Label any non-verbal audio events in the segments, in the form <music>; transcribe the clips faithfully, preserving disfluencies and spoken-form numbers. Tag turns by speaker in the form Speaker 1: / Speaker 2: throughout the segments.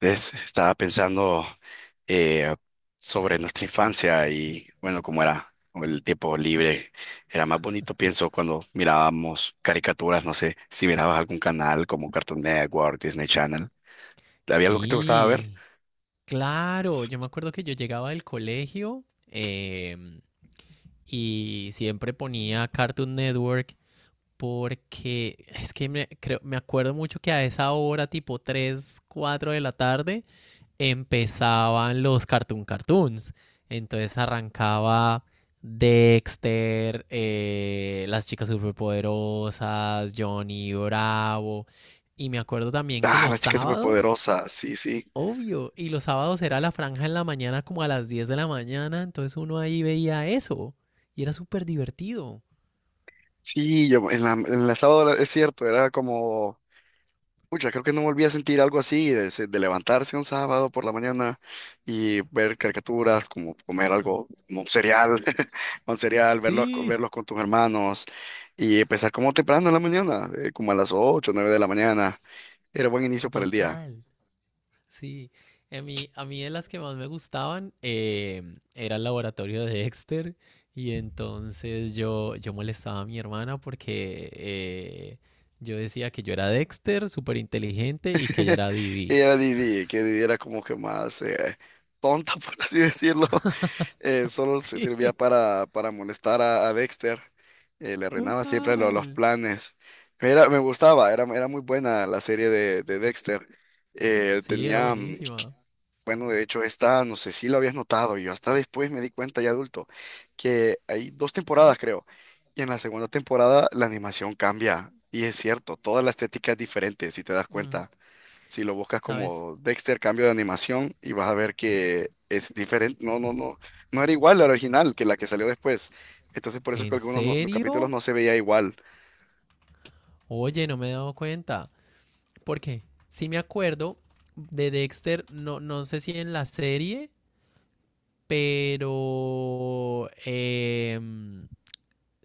Speaker 1: ¿Ves? Estaba pensando eh, sobre nuestra infancia y bueno, como era el tiempo libre. Era más bonito, pienso, cuando mirábamos caricaturas, no sé, si mirabas algún canal como Cartoon Network, Disney Channel. ¿Había algo que te gustaba ver?
Speaker 2: Sí, claro. Yo me acuerdo que yo llegaba del colegio em, y siempre ponía Cartoon Network porque es que me, creo, me acuerdo mucho que a esa hora, tipo tres cuatro de la tarde, empezaban los Cartoon Cartoons. Entonces arrancaba Dexter, eh, las chicas superpoderosas, Johnny Bravo. Y me acuerdo también que
Speaker 1: Ah,
Speaker 2: los
Speaker 1: las chicas
Speaker 2: sábados,
Speaker 1: superpoderosas, sí, sí.
Speaker 2: obvio, y los sábados era la franja en la mañana como a las diez de la mañana, entonces uno ahí veía eso y era súper divertido.
Speaker 1: Sí, yo en la, en la sábado era- es cierto, era como Pucha, creo que no volví a sentir algo así, de, se- de levantarse un sábado por la mañana y ver caricaturas, como comer
Speaker 2: Hmm,
Speaker 1: algo, como un cereal, <laughs> un cereal, verlos,
Speaker 2: sí,
Speaker 1: verlos con tus hermanos y empezar como temprano en la mañana, eh, como a las ocho, nueve de la mañana. Era buen inicio para el día.
Speaker 2: total. Sí, a mí, a mí de las que más me gustaban eh, era el laboratorio de Dexter y entonces yo, yo molestaba a mi hermana porque eh, yo decía que yo era Dexter, súper inteligente y que ella era
Speaker 1: Y
Speaker 2: Didi.
Speaker 1: era
Speaker 2: <laughs>
Speaker 1: Didi, que Didi era como que más eh, tonta, <laughs> por así decirlo, eh, solo se- servía
Speaker 2: Sí,
Speaker 1: para, para molestar a, a Dexter. eh, le arruinaba siempre lo- los
Speaker 2: total.
Speaker 1: planes. Era, me gustaba, era, era muy buena la serie de, de Dexter. Eh,
Speaker 2: Sí, era
Speaker 1: tenía, mm,
Speaker 2: buenísima.
Speaker 1: bueno, de hecho, esta, no sé si lo habías notado, yo hasta después me di cuenta ya adulto, que hay dos temporadas, creo. Y en la segunda temporada la animación cambia. Y es cierto, toda la estética es diferente, si te das
Speaker 2: Mm,
Speaker 1: cuenta. Si lo buscas
Speaker 2: ¿sabes?
Speaker 1: como Dexter cambio de animación y vas a ver que es diferente, no, no, no, no era igual la original que la que salió después. Entonces por eso es que
Speaker 2: ¿En
Speaker 1: algunos no- los capítulos
Speaker 2: serio?
Speaker 1: no se veía igual.
Speaker 2: Oye, no me he dado cuenta. ¿Por qué? Sí me acuerdo de Dexter, no, no sé si en la serie, pero em,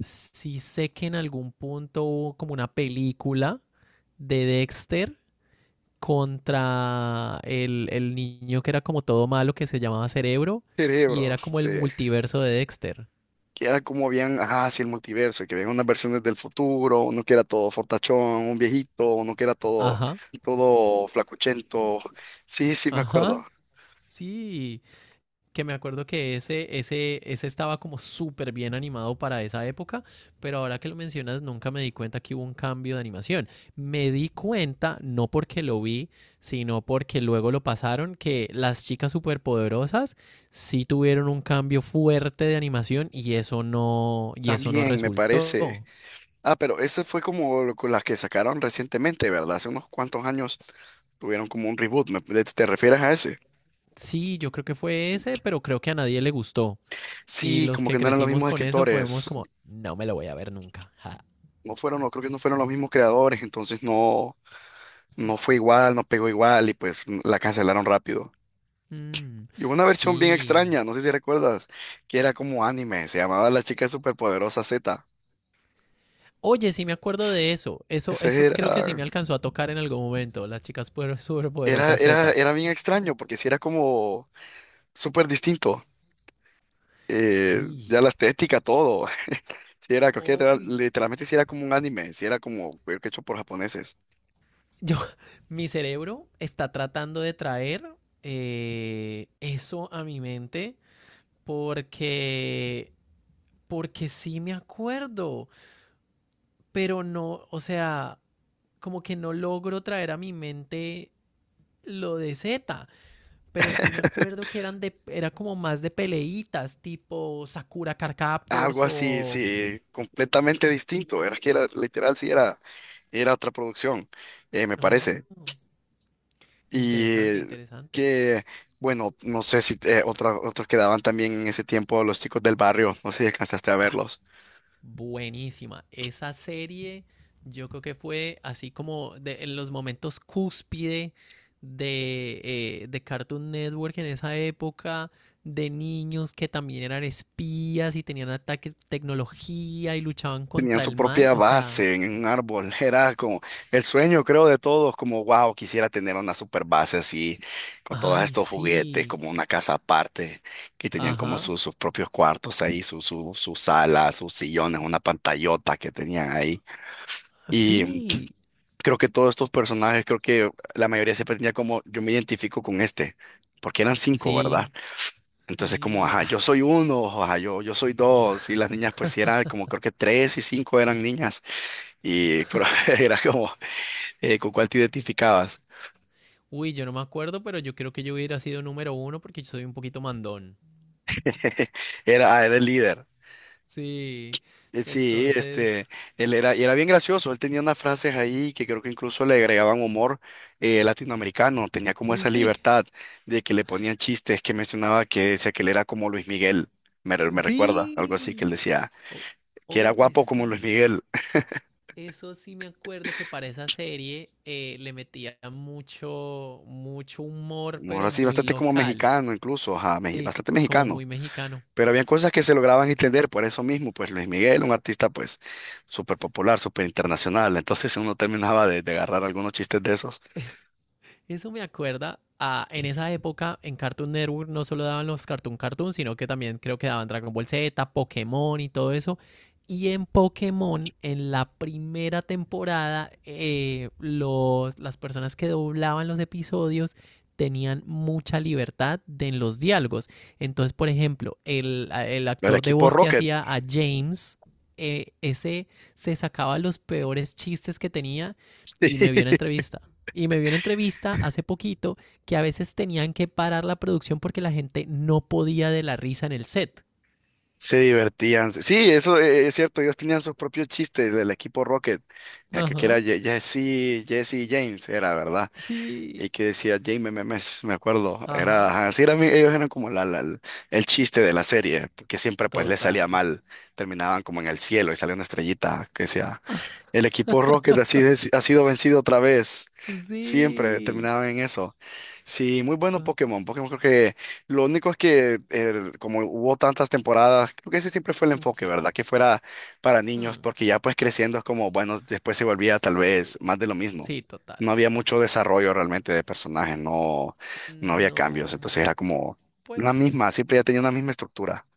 Speaker 2: sí sé que en algún punto hubo como una película de Dexter contra el, el niño que era como todo malo que se llamaba Cerebro y era
Speaker 1: Cerebros,
Speaker 2: como
Speaker 1: sí
Speaker 2: el multiverso de Dexter.
Speaker 1: que era como bien, ajá, sí, el multiverso, que veían unas versiones del futuro, uno que era todo fortachón, un viejito, uno que era todo,
Speaker 2: Ajá,
Speaker 1: todo flacuchento. Sí, sí, me acuerdo.
Speaker 2: ajá, sí. Que me acuerdo que ese, ese, ese estaba como súper bien animado para esa época, pero ahora que lo mencionas, nunca me di cuenta que hubo un cambio de animación. Me di cuenta, no porque lo vi, sino porque luego lo pasaron, que las chicas superpoderosas sí tuvieron un cambio fuerte de animación y eso no, y eso no
Speaker 1: También me parece.
Speaker 2: resultó.
Speaker 1: Ah, pero esa fue como lo- con las que sacaron recientemente, ¿verdad? Hace unos cuantos años tuvieron como un reboot. ¿me- ¿Te te refieres a ese?
Speaker 2: Sí, yo creo que fue ese, pero creo que a nadie le gustó. Y
Speaker 1: Sí,
Speaker 2: los
Speaker 1: como
Speaker 2: que
Speaker 1: que no eran los
Speaker 2: crecimos
Speaker 1: mismos
Speaker 2: con eso fuimos
Speaker 1: escritores.
Speaker 2: como, no me lo voy a ver nunca. Ja.
Speaker 1: No fueron, no creo que no fueron los mismos creadores, entonces no, no fue igual, no pegó igual y pues mm, la cancelaron rápido.
Speaker 2: Mm,
Speaker 1: Y hubo una versión bien
Speaker 2: sí.
Speaker 1: extraña, no sé si recuerdas, que era como anime, se llamaba La Chica Superpoderosa Z.
Speaker 2: Oye, sí me acuerdo de eso. Eso,
Speaker 1: Ese
Speaker 2: eso creo que sí
Speaker 1: era,
Speaker 2: me alcanzó a tocar en algún momento. Las chicas puer-
Speaker 1: era,
Speaker 2: superpoderosas
Speaker 1: era,
Speaker 2: Z.
Speaker 1: era bien extraño porque sí era como súper distinto. eh,
Speaker 2: Uy,
Speaker 1: ya la estética, todo. Sí, era, creo que era- literalmente sí era como un anime, sí era como creo que hecho por japoneses.
Speaker 2: yo, <laughs> mi cerebro está tratando de traer eh, eso a mi mente porque, porque sí me acuerdo, pero no, o sea, como que no logro traer a mi mente lo de Z, pero sí me acuerdo que eran de, era como más de peleitas, tipo Sakura Card Captors
Speaker 1: Algo así,
Speaker 2: o
Speaker 1: sí, completamente distinto. Era que era, literal, sí era, era otra producción, eh, me
Speaker 2: oh,
Speaker 1: parece. Y
Speaker 2: interesante,
Speaker 1: eh,
Speaker 2: interesante.
Speaker 1: que, bueno, no sé si eh, otra- otros quedaban también en ese tiempo los chicos del barrio, no sé si alcanzaste a
Speaker 2: Ah,
Speaker 1: verlos.
Speaker 2: buenísima. Esa serie yo creo que fue así como de, en los momentos cúspide de, eh, de Cartoon Network en esa época, de niños que también eran espías y tenían ataques de tecnología y luchaban
Speaker 1: Tenían
Speaker 2: contra
Speaker 1: su
Speaker 2: el mal.
Speaker 1: propia
Speaker 2: O sea,
Speaker 1: base en un árbol. <laughs> Era como el sueño, creo, de todos, como, wow, quisiera tener una super base así, con todos
Speaker 2: ay,
Speaker 1: estos juguetes,
Speaker 2: sí.
Speaker 1: como una casa aparte, que tenían como
Speaker 2: Ajá.
Speaker 1: su- sus propios cuartos ahí, su, su, su sala, sus sillones, una pantallota que tenían ahí. y
Speaker 2: Sí.
Speaker 1: creo que todos estos personajes, creo que la mayoría se tenía como, yo me identifico con este, porque eran cinco,
Speaker 2: Sí.
Speaker 1: ¿verdad? Entonces como,
Speaker 2: Sí.
Speaker 1: ajá, yo soy uno, ajá, yo, yo soy dos, y las niñas pues sí eran como, creo que tres y cinco eran niñas, y pero <laughs> era como, eh, ¿con cuál te identificabas?
Speaker 2: Uy, yo no me acuerdo, pero yo creo que yo hubiera sido número uno porque yo soy un poquito mandón.
Speaker 1: <laughs> Era, ah, era el líder.
Speaker 2: Sí,
Speaker 1: Eh, Sí,
Speaker 2: entonces,
Speaker 1: este, él era, y era bien gracioso, él tenía unas frases ahí que creo que incluso le agregaban humor eh, latinoamericano, tenía como esa
Speaker 2: sí,
Speaker 1: libertad de que le ponían chistes que mencionaba que decía que él era como Luis Miguel, me, re- me recuerda, algo así que él
Speaker 2: sí.
Speaker 1: decía,
Speaker 2: O-
Speaker 1: que era
Speaker 2: Oye,
Speaker 1: guapo como Luis
Speaker 2: sí.
Speaker 1: Miguel,
Speaker 2: Eso sí me acuerdo que para esa serie eh, le metía mucho, mucho humor,
Speaker 1: como
Speaker 2: pero
Speaker 1: ahora sí,
Speaker 2: muy
Speaker 1: bastante como
Speaker 2: local.
Speaker 1: mexicano incluso, ajá, meji-
Speaker 2: Sí,
Speaker 1: bastante
Speaker 2: como
Speaker 1: mexicano,
Speaker 2: muy mexicano.
Speaker 1: pero había cosas que se lograban entender por eso mismo, pues Luis Miguel, un artista pues súper popular, súper internacional, entonces uno terminaba de, de agarrar algunos chistes de esos.
Speaker 2: Eso me acuerda a, en esa época en Cartoon Network no solo daban los Cartoon Cartoon, sino que también creo que daban Dragon Ball Z, Pokémon y todo eso. Y en Pokémon, en la primera temporada, eh, los, las personas que doblaban los episodios tenían mucha libertad de, en los diálogos. Entonces, por ejemplo, el, el
Speaker 1: El
Speaker 2: actor de
Speaker 1: equipo
Speaker 2: voz que
Speaker 1: Rocket.
Speaker 2: hacía a James, eh, ese se sacaba los peores chistes que tenía y me vio una
Speaker 1: <laughs>
Speaker 2: entrevista y me vio una entrevista hace poquito, que a veces tenían que parar la producción porque la gente no podía de la risa en el set.
Speaker 1: Se divertían. Sí, eso eh, es cierto. Ellos tenían sus propios chistes del equipo Rocket. ya Creo que era
Speaker 2: Ajá,
Speaker 1: Ye- Jesse, Jesse James, era, ¿verdad? Y
Speaker 2: sí,
Speaker 1: que decía James Memes, me acuerdo. Era,
Speaker 2: ajá,
Speaker 1: ajá, sí, era mi- ellos eran como la, la- el el chiste de la serie, porque siempre pues les salía
Speaker 2: total.
Speaker 1: mal. Terminaban como en el cielo y salía una estrellita que decía el equipo Rocket ha sido, ha sido vencido otra vez. Siempre
Speaker 2: Sí,
Speaker 1: terminaba en eso. Sí, muy bueno
Speaker 2: total.
Speaker 1: Pokémon. Pokémon creo que lo único es que eh, como hubo tantas temporadas, creo que ese siempre fue el enfoque,
Speaker 2: Sí,
Speaker 1: ¿verdad? Que fuera para niños,
Speaker 2: hmm,
Speaker 1: porque ya pues creciendo es como, bueno, después se volvía tal
Speaker 2: sí,
Speaker 1: vez más de lo mismo.
Speaker 2: sí, total.
Speaker 1: No había mucho desarrollo realmente de personajes, no, no había cambios.
Speaker 2: No,
Speaker 1: Entonces era como la
Speaker 2: pues
Speaker 1: misma, siempre ya tenía una misma estructura.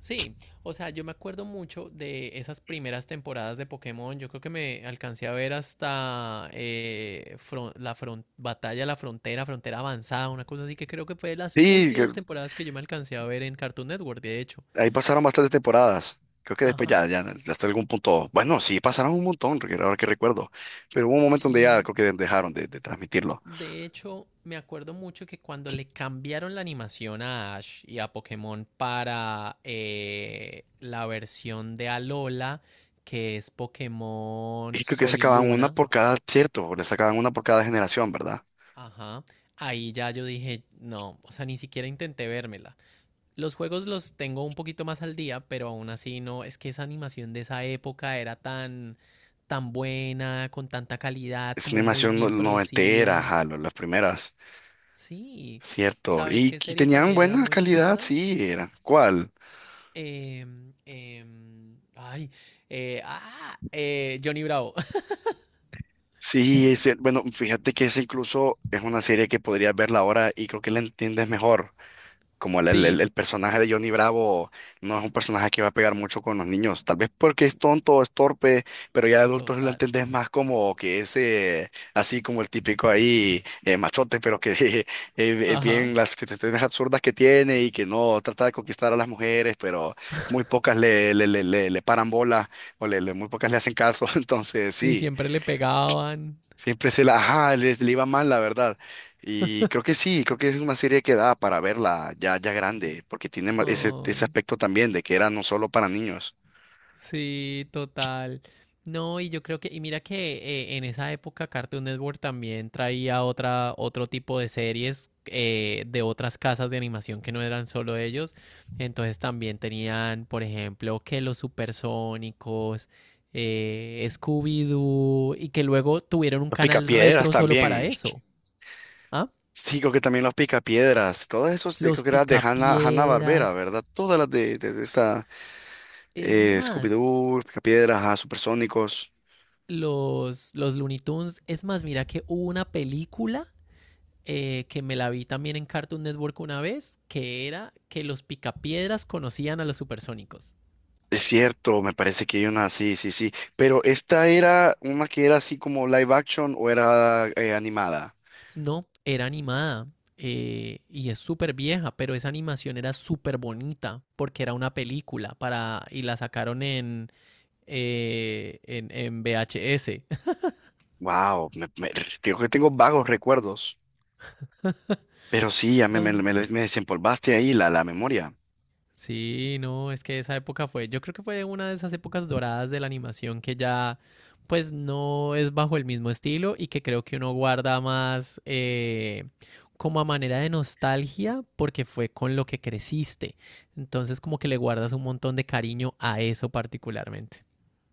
Speaker 2: sí, o sea, yo me acuerdo mucho de esas primeras temporadas de Pokémon. Yo creo que me alcancé a ver hasta eh, fron- la fron- Batalla de la Frontera, Frontera Avanzada, una cosa así, que creo que fue de las
Speaker 1: Sí,
Speaker 2: últimas temporadas que yo me alcancé a ver en Cartoon Network, de hecho.
Speaker 1: Ahí pasaron bastantes temporadas. Creo que después
Speaker 2: Ajá,
Speaker 1: ya, ya hasta algún punto. Bueno, sí, pasaron un montón, porque ahora que recuerdo. Pero hubo un momento donde ya
Speaker 2: sí.
Speaker 1: creo que dejaron de, de transmitirlo.
Speaker 2: De hecho, me acuerdo mucho que cuando le cambiaron la animación a Ash y a Pokémon para eh, la versión de Alola, que es Pokémon
Speaker 1: Y creo que
Speaker 2: Sol y
Speaker 1: sacaban una
Speaker 2: Luna.
Speaker 1: por cada, cierto, le sacaban una por cada generación, ¿verdad?
Speaker 2: Ajá. Ahí ya yo dije, no, o sea, ni siquiera intenté vérmela. Los juegos los tengo un poquito más al día, pero aún así no, es que esa animación de esa época era tan, tan buena, con tanta calidad,
Speaker 1: Es una
Speaker 2: como muy
Speaker 1: animación no-
Speaker 2: bien
Speaker 1: noventera,
Speaker 2: producida.
Speaker 1: ajá, lo- las primeras.
Speaker 2: Sí.
Speaker 1: Cierto.
Speaker 2: ¿Sabes
Speaker 1: Y,
Speaker 2: qué
Speaker 1: y
Speaker 2: serie
Speaker 1: tenían
Speaker 2: también era
Speaker 1: buena
Speaker 2: muy
Speaker 1: calidad,
Speaker 2: chistosa?
Speaker 1: sí, eran. ¿Cuál?
Speaker 2: Em, em, ay, eh, ah, eh, Johnny Bravo. <laughs>
Speaker 1: Sí, es cier- Bueno, fíjate que esa incluso es una serie que podrías verla ahora y creo que la entiendes mejor. como el, el- el-
Speaker 2: Sí,
Speaker 1: el personaje de Johnny Bravo no es un personaje que va a pegar mucho con los niños, tal vez porque es tonto, es torpe, pero ya de adultos lo
Speaker 2: total.
Speaker 1: entendés más como que es eh, así como el típico ahí eh, machote, pero que <laughs> eh, eh,
Speaker 2: Ajá.
Speaker 1: bien las situaciones absurdas que tiene y que no trata de conquistar a las mujeres, pero muy pocas le, le, le, le, le paran bola o le, le- muy pocas le hacen caso, <laughs> entonces
Speaker 2: Y
Speaker 1: sí.
Speaker 2: siempre le pegaban.
Speaker 1: Siempre se la, ajá, les le iba mal, la verdad. Y creo que sí, creo que es una serie que da para verla ya, ya grande, porque tiene ma- ese, ese
Speaker 2: Ay.
Speaker 1: aspecto también de que era no solo para niños.
Speaker 2: Sí, total. No, y yo creo que, y mira que eh, en esa época Cartoon Network también traía otra, otro tipo de series eh, de otras casas de animación que no eran solo ellos. Entonces también tenían, por ejemplo, que los supersónicos, eh, Scooby-Doo, y que luego tuvieron un
Speaker 1: Los
Speaker 2: canal
Speaker 1: Picapiedras
Speaker 2: retro solo para
Speaker 1: también.
Speaker 2: eso. ¿Ah?
Speaker 1: Sí, creo que también los Picapiedras. Todas esos, eh, creo
Speaker 2: Los
Speaker 1: que eran de Hanna, Hanna-Barbera,
Speaker 2: Picapiedras.
Speaker 1: ¿verdad? Todas las de, de, de esta
Speaker 2: Es
Speaker 1: eh,
Speaker 2: más,
Speaker 1: Scooby-Doo, Picapiedras, ajá, Supersónicos.
Speaker 2: los, los Looney Tunes. Es más, mira que hubo una película eh, que me la vi también en Cartoon Network una vez, que era que los picapiedras conocían a los supersónicos.
Speaker 1: Es cierto, me parece que hay una, sí, sí, sí. Pero esta era una que era así como live action o era eh, animada.
Speaker 2: No, era animada. Eh, y es súper vieja, pero esa animación era súper bonita porque era una película para, y la sacaron en, eh, en, en V H S. <laughs>
Speaker 1: Wow, me, me- digo que tengo vagos recuerdos, pero sí, ya me, me, me,
Speaker 2: Ay.
Speaker 1: me desempolvaste ahí la, la memoria.
Speaker 2: Sí, no, es que esa época fue, yo creo que fue una de esas épocas doradas de la animación que ya pues no es bajo el mismo estilo y que creo que uno guarda más eh, como a manera de nostalgia porque fue con lo que creciste. Entonces como que le guardas un montón de cariño a eso particularmente.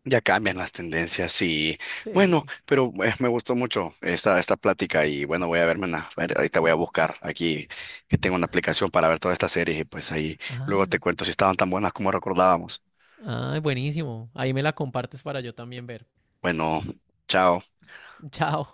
Speaker 1: Ya cambian las tendencias y bueno,
Speaker 2: Sí.
Speaker 1: pero eh, me gustó mucho esta, esta plática y bueno, voy a verme una, ver, ahorita voy a buscar aquí que tengo una aplicación para ver todas estas series y pues ahí luego
Speaker 2: Ah,
Speaker 1: te cuento si estaban tan buenas como recordábamos.
Speaker 2: ah, buenísimo. Ahí me la compartes para yo también ver.
Speaker 1: Bueno, chao.
Speaker 2: <laughs> Chao.